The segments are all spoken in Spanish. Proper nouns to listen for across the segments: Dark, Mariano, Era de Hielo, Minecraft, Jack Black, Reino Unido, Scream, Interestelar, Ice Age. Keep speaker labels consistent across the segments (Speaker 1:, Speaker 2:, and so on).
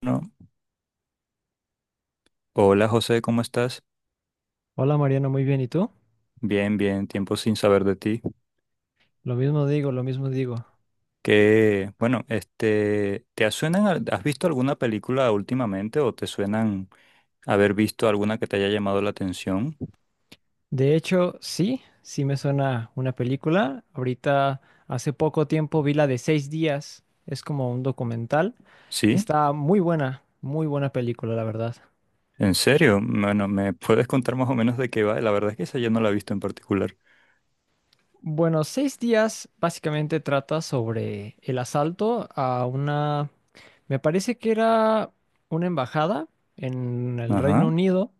Speaker 1: No. Hola José, ¿cómo estás?
Speaker 2: Hola Mariano, muy bien. ¿Y tú?
Speaker 1: Bien, bien, tiempo sin saber de ti.
Speaker 2: Lo mismo digo, lo mismo digo.
Speaker 1: ¿Te suenan, has visto alguna película últimamente o te suenan haber visto alguna que te haya llamado la atención?
Speaker 2: De hecho, sí, sí me suena una película. Ahorita, hace poco tiempo vi la de seis días. Es como un documental.
Speaker 1: ¿Sí?
Speaker 2: Está muy buena película, la verdad.
Speaker 1: ¿En serio? Bueno, ¿me puedes contar más o menos de qué va? La verdad es que esa yo no la he visto en particular.
Speaker 2: Bueno, seis días básicamente trata sobre el asalto a una, me parece que era una embajada en el
Speaker 1: Ajá.
Speaker 2: Reino Unido.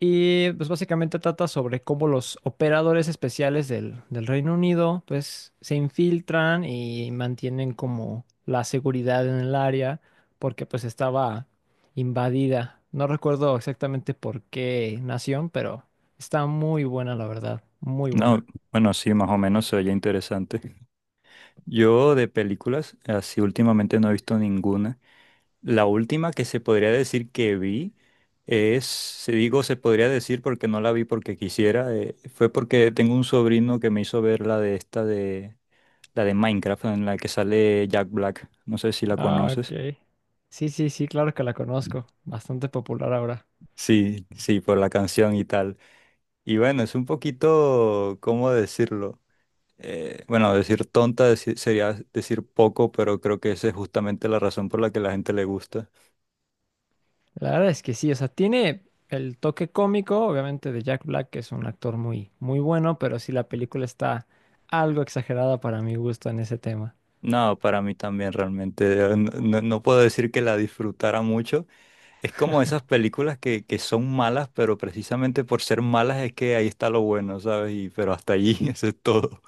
Speaker 2: Y pues básicamente trata sobre cómo los operadores especiales del Reino Unido pues se infiltran y mantienen como la seguridad en el área porque pues estaba invadida. No recuerdo exactamente por qué nación, pero está muy buena la verdad, muy
Speaker 1: No,
Speaker 2: buena.
Speaker 1: bueno, sí, más o menos se oye interesante. Yo de películas, así últimamente no he visto ninguna. La última que se podría decir que vi es, se podría decir porque no la vi porque quisiera, fue porque tengo un sobrino que me hizo ver la la de Minecraft en la que sale Jack Black, no sé si la
Speaker 2: Ah,
Speaker 1: conoces.
Speaker 2: ok. Sí, sí, sí, claro que la conozco. Bastante popular ahora.
Speaker 1: Sí, sí, por la canción y tal. Y bueno, es un poquito, ¿cómo decirlo? Bueno, sería decir poco, pero creo que esa es justamente la razón por la que la gente le gusta.
Speaker 2: La verdad es que sí, o sea, tiene el toque cómico, obviamente, de Jack Black, que es un actor muy, muy bueno, pero sí la película está algo exagerada para mi gusto en ese tema.
Speaker 1: No, para mí también realmente. No puedo decir que la disfrutara mucho. Es como esas películas que son malas, pero precisamente por ser malas es que ahí está lo bueno, ¿sabes? Y pero hasta allí, eso es todo.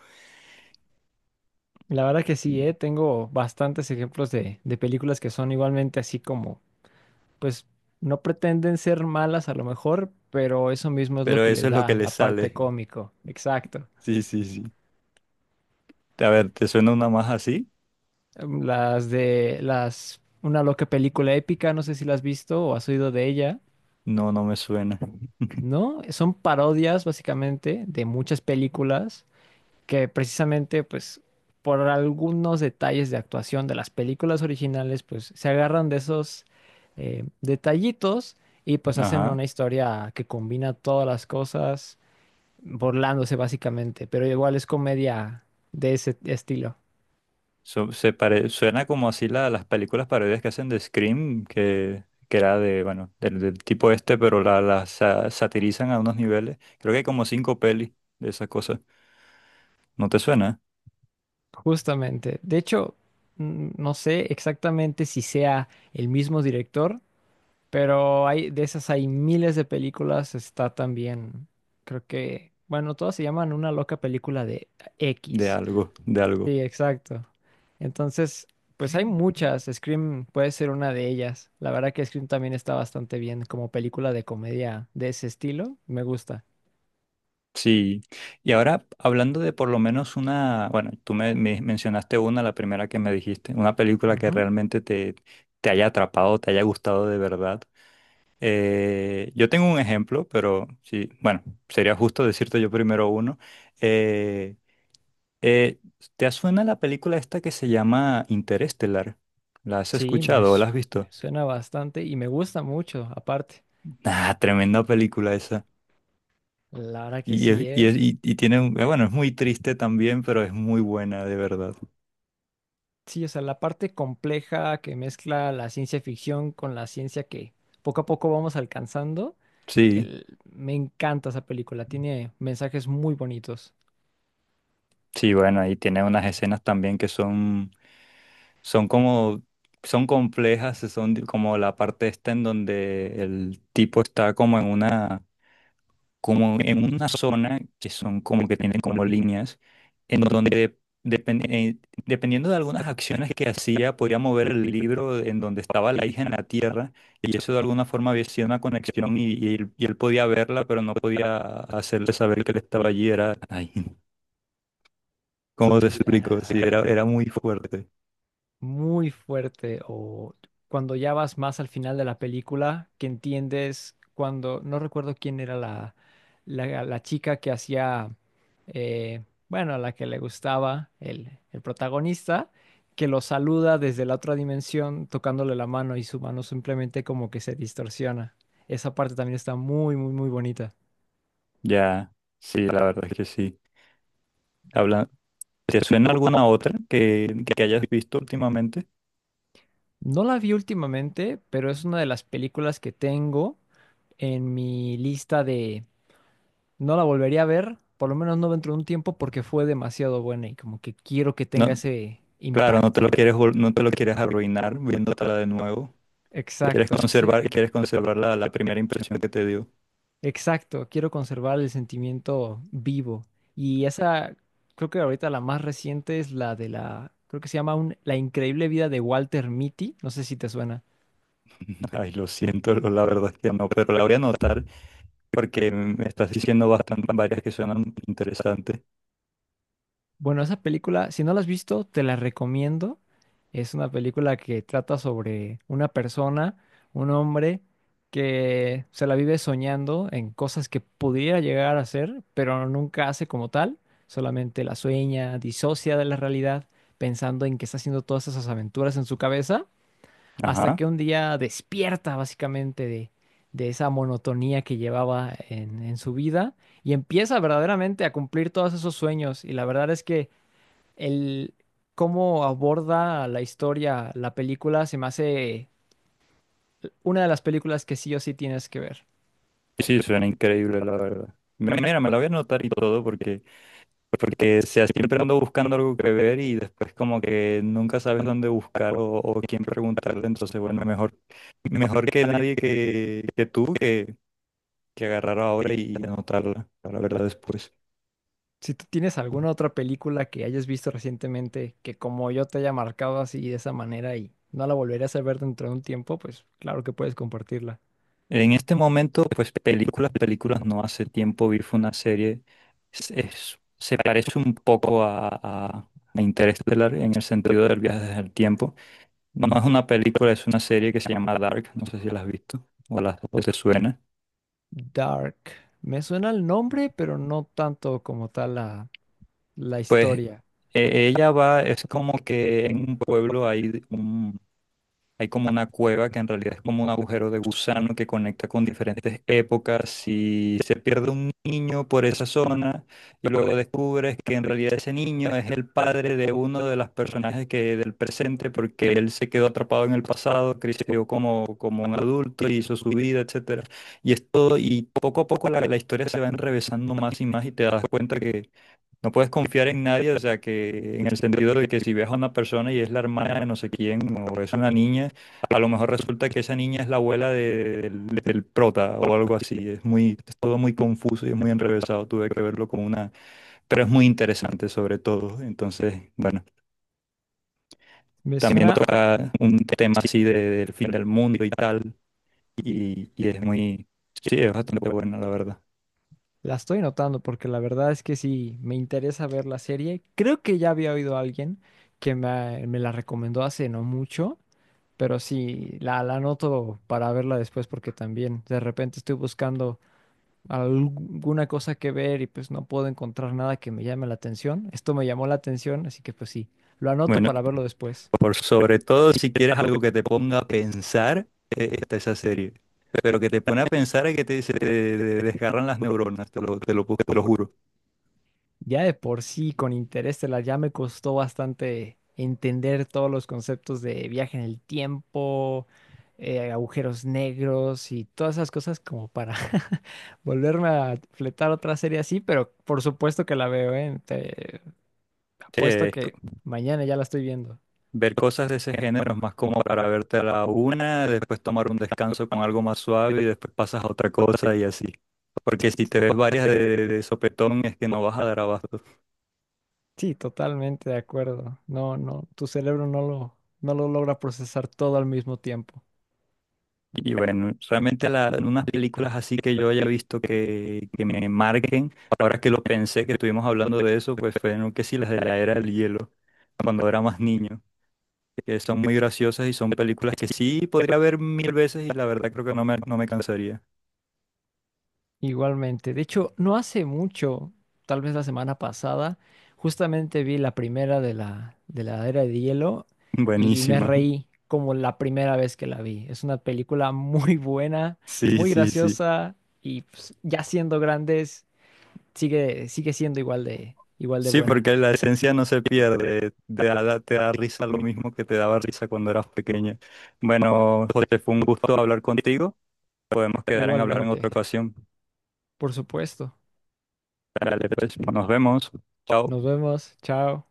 Speaker 2: La verdad que sí, tengo bastantes ejemplos de películas que son igualmente así como, pues, no pretenden ser malas a lo mejor, pero eso mismo es lo
Speaker 1: Pero
Speaker 2: que
Speaker 1: eso
Speaker 2: le
Speaker 1: es lo que
Speaker 2: da
Speaker 1: le
Speaker 2: la parte
Speaker 1: sale.
Speaker 2: cómico. Exacto.
Speaker 1: Sí, sí, sí. A ver, ¿te suena una más así?
Speaker 2: Las de las, una loca película épica, no sé si la has visto o has oído de ella.
Speaker 1: No, no me suena.
Speaker 2: ¿No? Son parodias básicamente de muchas películas que precisamente pues por algunos detalles de actuación de las películas originales pues se agarran de esos detallitos, y pues hacen
Speaker 1: Ajá.
Speaker 2: una historia que combina todas las cosas burlándose básicamente, pero igual es comedia de ese estilo,
Speaker 1: Suena como así las películas parodias que hacen de Scream, que era de, bueno, del tipo este, pero la satirizan a unos niveles. Creo que hay como cinco pelis de esas cosas. ¿No te suena?
Speaker 2: justamente. De hecho, no sé exactamente si sea el mismo director. Pero hay, de esas hay miles de películas, está también, creo que, bueno, todas se llaman una loca película de
Speaker 1: De
Speaker 2: X.
Speaker 1: algo, de algo.
Speaker 2: Sí, exacto. Entonces, pues hay muchas, Scream puede ser una de ellas. La verdad que Scream también está bastante bien como película de comedia de ese estilo, me gusta.
Speaker 1: Sí. Y ahora, hablando de por lo menos una, bueno, me mencionaste una, la primera que me dijiste, una película que
Speaker 2: Ujú.
Speaker 1: realmente te haya atrapado, te haya gustado de verdad. Yo tengo un ejemplo, pero sí, bueno, sería justo decirte yo primero uno. Eh, eh, ¿Te suena la película esta que se llama Interestelar? ¿La has
Speaker 2: Sí, me,
Speaker 1: escuchado o la has
Speaker 2: me
Speaker 1: visto?
Speaker 2: suena bastante y me gusta mucho, aparte.
Speaker 1: Ah, tremenda película esa.
Speaker 2: La verdad que
Speaker 1: Y,
Speaker 2: sí, ¿eh?
Speaker 1: y tiene, bueno, es muy triste también, pero es muy buena, de verdad.
Speaker 2: Sí, o sea, la parte compleja que mezcla la ciencia ficción con la ciencia que poco a poco vamos alcanzando.
Speaker 1: Sí,
Speaker 2: Me encanta esa película, tiene mensajes muy bonitos.
Speaker 1: sí, bueno, y tiene unas escenas también son como, son complejas, como la parte esta en donde el tipo está como en una zona que son como que tienen como líneas, en donde depen- eh, dependiendo de algunas acciones que hacía, podía mover el libro en donde estaba la hija en la tierra, y eso de alguna forma había sido una conexión y, y él podía verla, pero no podía hacerle saber que él estaba allí, ay, ¿cómo te
Speaker 2: Sí,
Speaker 1: explico? Sí,
Speaker 2: la
Speaker 1: era muy fuerte.
Speaker 2: muy fuerte o cuando ya vas más al final de la película, que entiendes cuando, no recuerdo quién era la, la chica que hacía, bueno, a la que le gustaba el protagonista, que lo saluda desde la otra dimensión tocándole la mano y su mano simplemente como que se distorsiona. Esa parte también está muy, muy, muy bonita.
Speaker 1: Ya, sí, la verdad es que sí. Habla, ¿te suena alguna otra que hayas visto últimamente?
Speaker 2: No la vi últimamente, pero es una de las películas que tengo en mi lista. No la volvería a ver, por lo menos no dentro de un tiempo, porque fue demasiado buena y como que quiero que tenga
Speaker 1: No,
Speaker 2: ese
Speaker 1: claro, no te lo
Speaker 2: impacto.
Speaker 1: quieres, vol- no te lo quieres arruinar viéndotela de nuevo.
Speaker 2: Exacto, sí,
Speaker 1: Quieres conservar la primera impresión que te dio.
Speaker 2: exacto. Quiero conservar el sentimiento vivo. Y esa, creo que ahorita la más reciente es la de la, creo que se llama La increíble vida de Walter Mitty. No sé si te suena.
Speaker 1: Ay, lo siento, la verdad es que no, pero la voy a anotar porque me estás diciendo bastante varias que suenan interesantes.
Speaker 2: Bueno, esa película, si no la has visto, te la recomiendo. Es una película que trata sobre una persona, un hombre, que se la vive soñando en cosas que pudiera llegar a ser, pero nunca hace como tal. Solamente la sueña, disocia de la realidad, pensando en que está haciendo todas esas aventuras en su cabeza, hasta
Speaker 1: Ajá.
Speaker 2: que un día despierta básicamente de esa monotonía que llevaba en su vida y empieza verdaderamente a cumplir todos esos sueños. Y la verdad es que el cómo aborda la historia, la película, se me hace una de las películas que sí o sí tienes que ver.
Speaker 1: Sí, sí, suena increíble, la verdad. Mira, me la voy a anotar y todo porque sea, siempre ando buscando algo que ver y después como que nunca sabes dónde buscar o quién preguntarle, entonces bueno, mejor, mejor que nadie que tú que agarrar ahora y anotarla para verla después.
Speaker 2: Si tú tienes alguna otra película que hayas visto recientemente que como yo te haya marcado así de esa manera y no la volverías a ver dentro de un tiempo, pues claro que puedes compartirla.
Speaker 1: En este momento, pues películas, películas no. Hace tiempo vi fue una serie, se parece un poco a Interestelar en el sentido del viaje del tiempo. No es una película, es una serie que se llama Dark, no sé si la has visto o te suena.
Speaker 2: Dark. Me suena el nombre, pero no tanto como tal la, la
Speaker 1: Pues
Speaker 2: historia.
Speaker 1: ella va, es como que en un pueblo hay un hay como una cueva que en realidad es como un agujero de gusano que conecta con diferentes épocas y se pierde un niño por esa zona y luego descubres que en realidad ese niño es el padre de uno de los personajes que del presente porque él se quedó atrapado en el pasado, creció como, como un adulto, hizo su vida, etcétera. Y es todo, y poco a poco la historia se va enrevesando más y más y te das cuenta que no puedes confiar en nadie, o sea, que en el sentido de que si ves a una persona y es la hermana de no sé quién o es una niña, a lo mejor resulta que esa niña es la abuela del prota o algo así. Es muy, es todo muy confuso y es muy enrevesado. Tuve que verlo como una, pero es muy interesante sobre todo. Entonces, bueno,
Speaker 2: Me
Speaker 1: también
Speaker 2: suena.
Speaker 1: toca un tema así del fin del mundo y tal. Y es muy, sí, es bastante buena, la verdad.
Speaker 2: La estoy notando porque la verdad es que sí, me interesa ver la serie. Creo que ya había oído a alguien que me la recomendó hace no mucho, pero sí, la anoto para verla después porque también de repente estoy buscando alguna cosa que ver y pues no puedo encontrar nada que me llame la atención. Esto me llamó la atención, así que pues sí, lo anoto
Speaker 1: Bueno,
Speaker 2: para verlo después.
Speaker 1: por sobre todo si quieres algo que te ponga a pensar, está esa serie. Pero que te pone a pensar y que te, se te desgarran las neuronas, te lo juro.
Speaker 2: Ya de por sí, con Interestelar ya me costó bastante entender todos los conceptos de viaje en el tiempo, agujeros negros y todas esas cosas como para volverme a fletar otra serie así, pero por supuesto que la veo, ¿eh? Te
Speaker 1: Sí,
Speaker 2: apuesto
Speaker 1: es
Speaker 2: que mañana ya la estoy viendo.
Speaker 1: ver cosas de ese género es más como para verte a la una, después tomar un descanso con algo más suave y después pasas a otra cosa y así. Porque si te ves varias de sopetón es que no vas a dar abasto.
Speaker 2: Sí, totalmente de acuerdo. No, no, tu cerebro no lo, no lo logra procesar todo al mismo tiempo.
Speaker 1: Y bueno, realmente unas películas así que yo haya visto que me marquen, ahora que lo pensé, que estuvimos hablando de eso, pues fueron que sí, las de la era del hielo, cuando era más niño, que son muy graciosas y son películas que sí podría ver 1000 veces y la verdad creo que no me cansaría.
Speaker 2: Igualmente. De hecho, no hace mucho, tal vez la semana pasada, justamente vi la primera de la Era de Hielo y me
Speaker 1: Buenísima.
Speaker 2: reí como la primera vez que la vi. Es una película muy buena,
Speaker 1: Sí,
Speaker 2: muy
Speaker 1: sí, sí.
Speaker 2: graciosa y pues, ya siendo grandes, sigue, sigue siendo igual de
Speaker 1: Sí,
Speaker 2: buena.
Speaker 1: porque la esencia no se pierde, te da risa lo mismo que te daba risa cuando eras pequeña. Bueno, José, fue un gusto hablar contigo. Podemos quedar en hablar en otra
Speaker 2: Igualmente.
Speaker 1: ocasión.
Speaker 2: Por supuesto.
Speaker 1: Dale, pues, nos vemos. Chao.
Speaker 2: Nos vemos. Chao.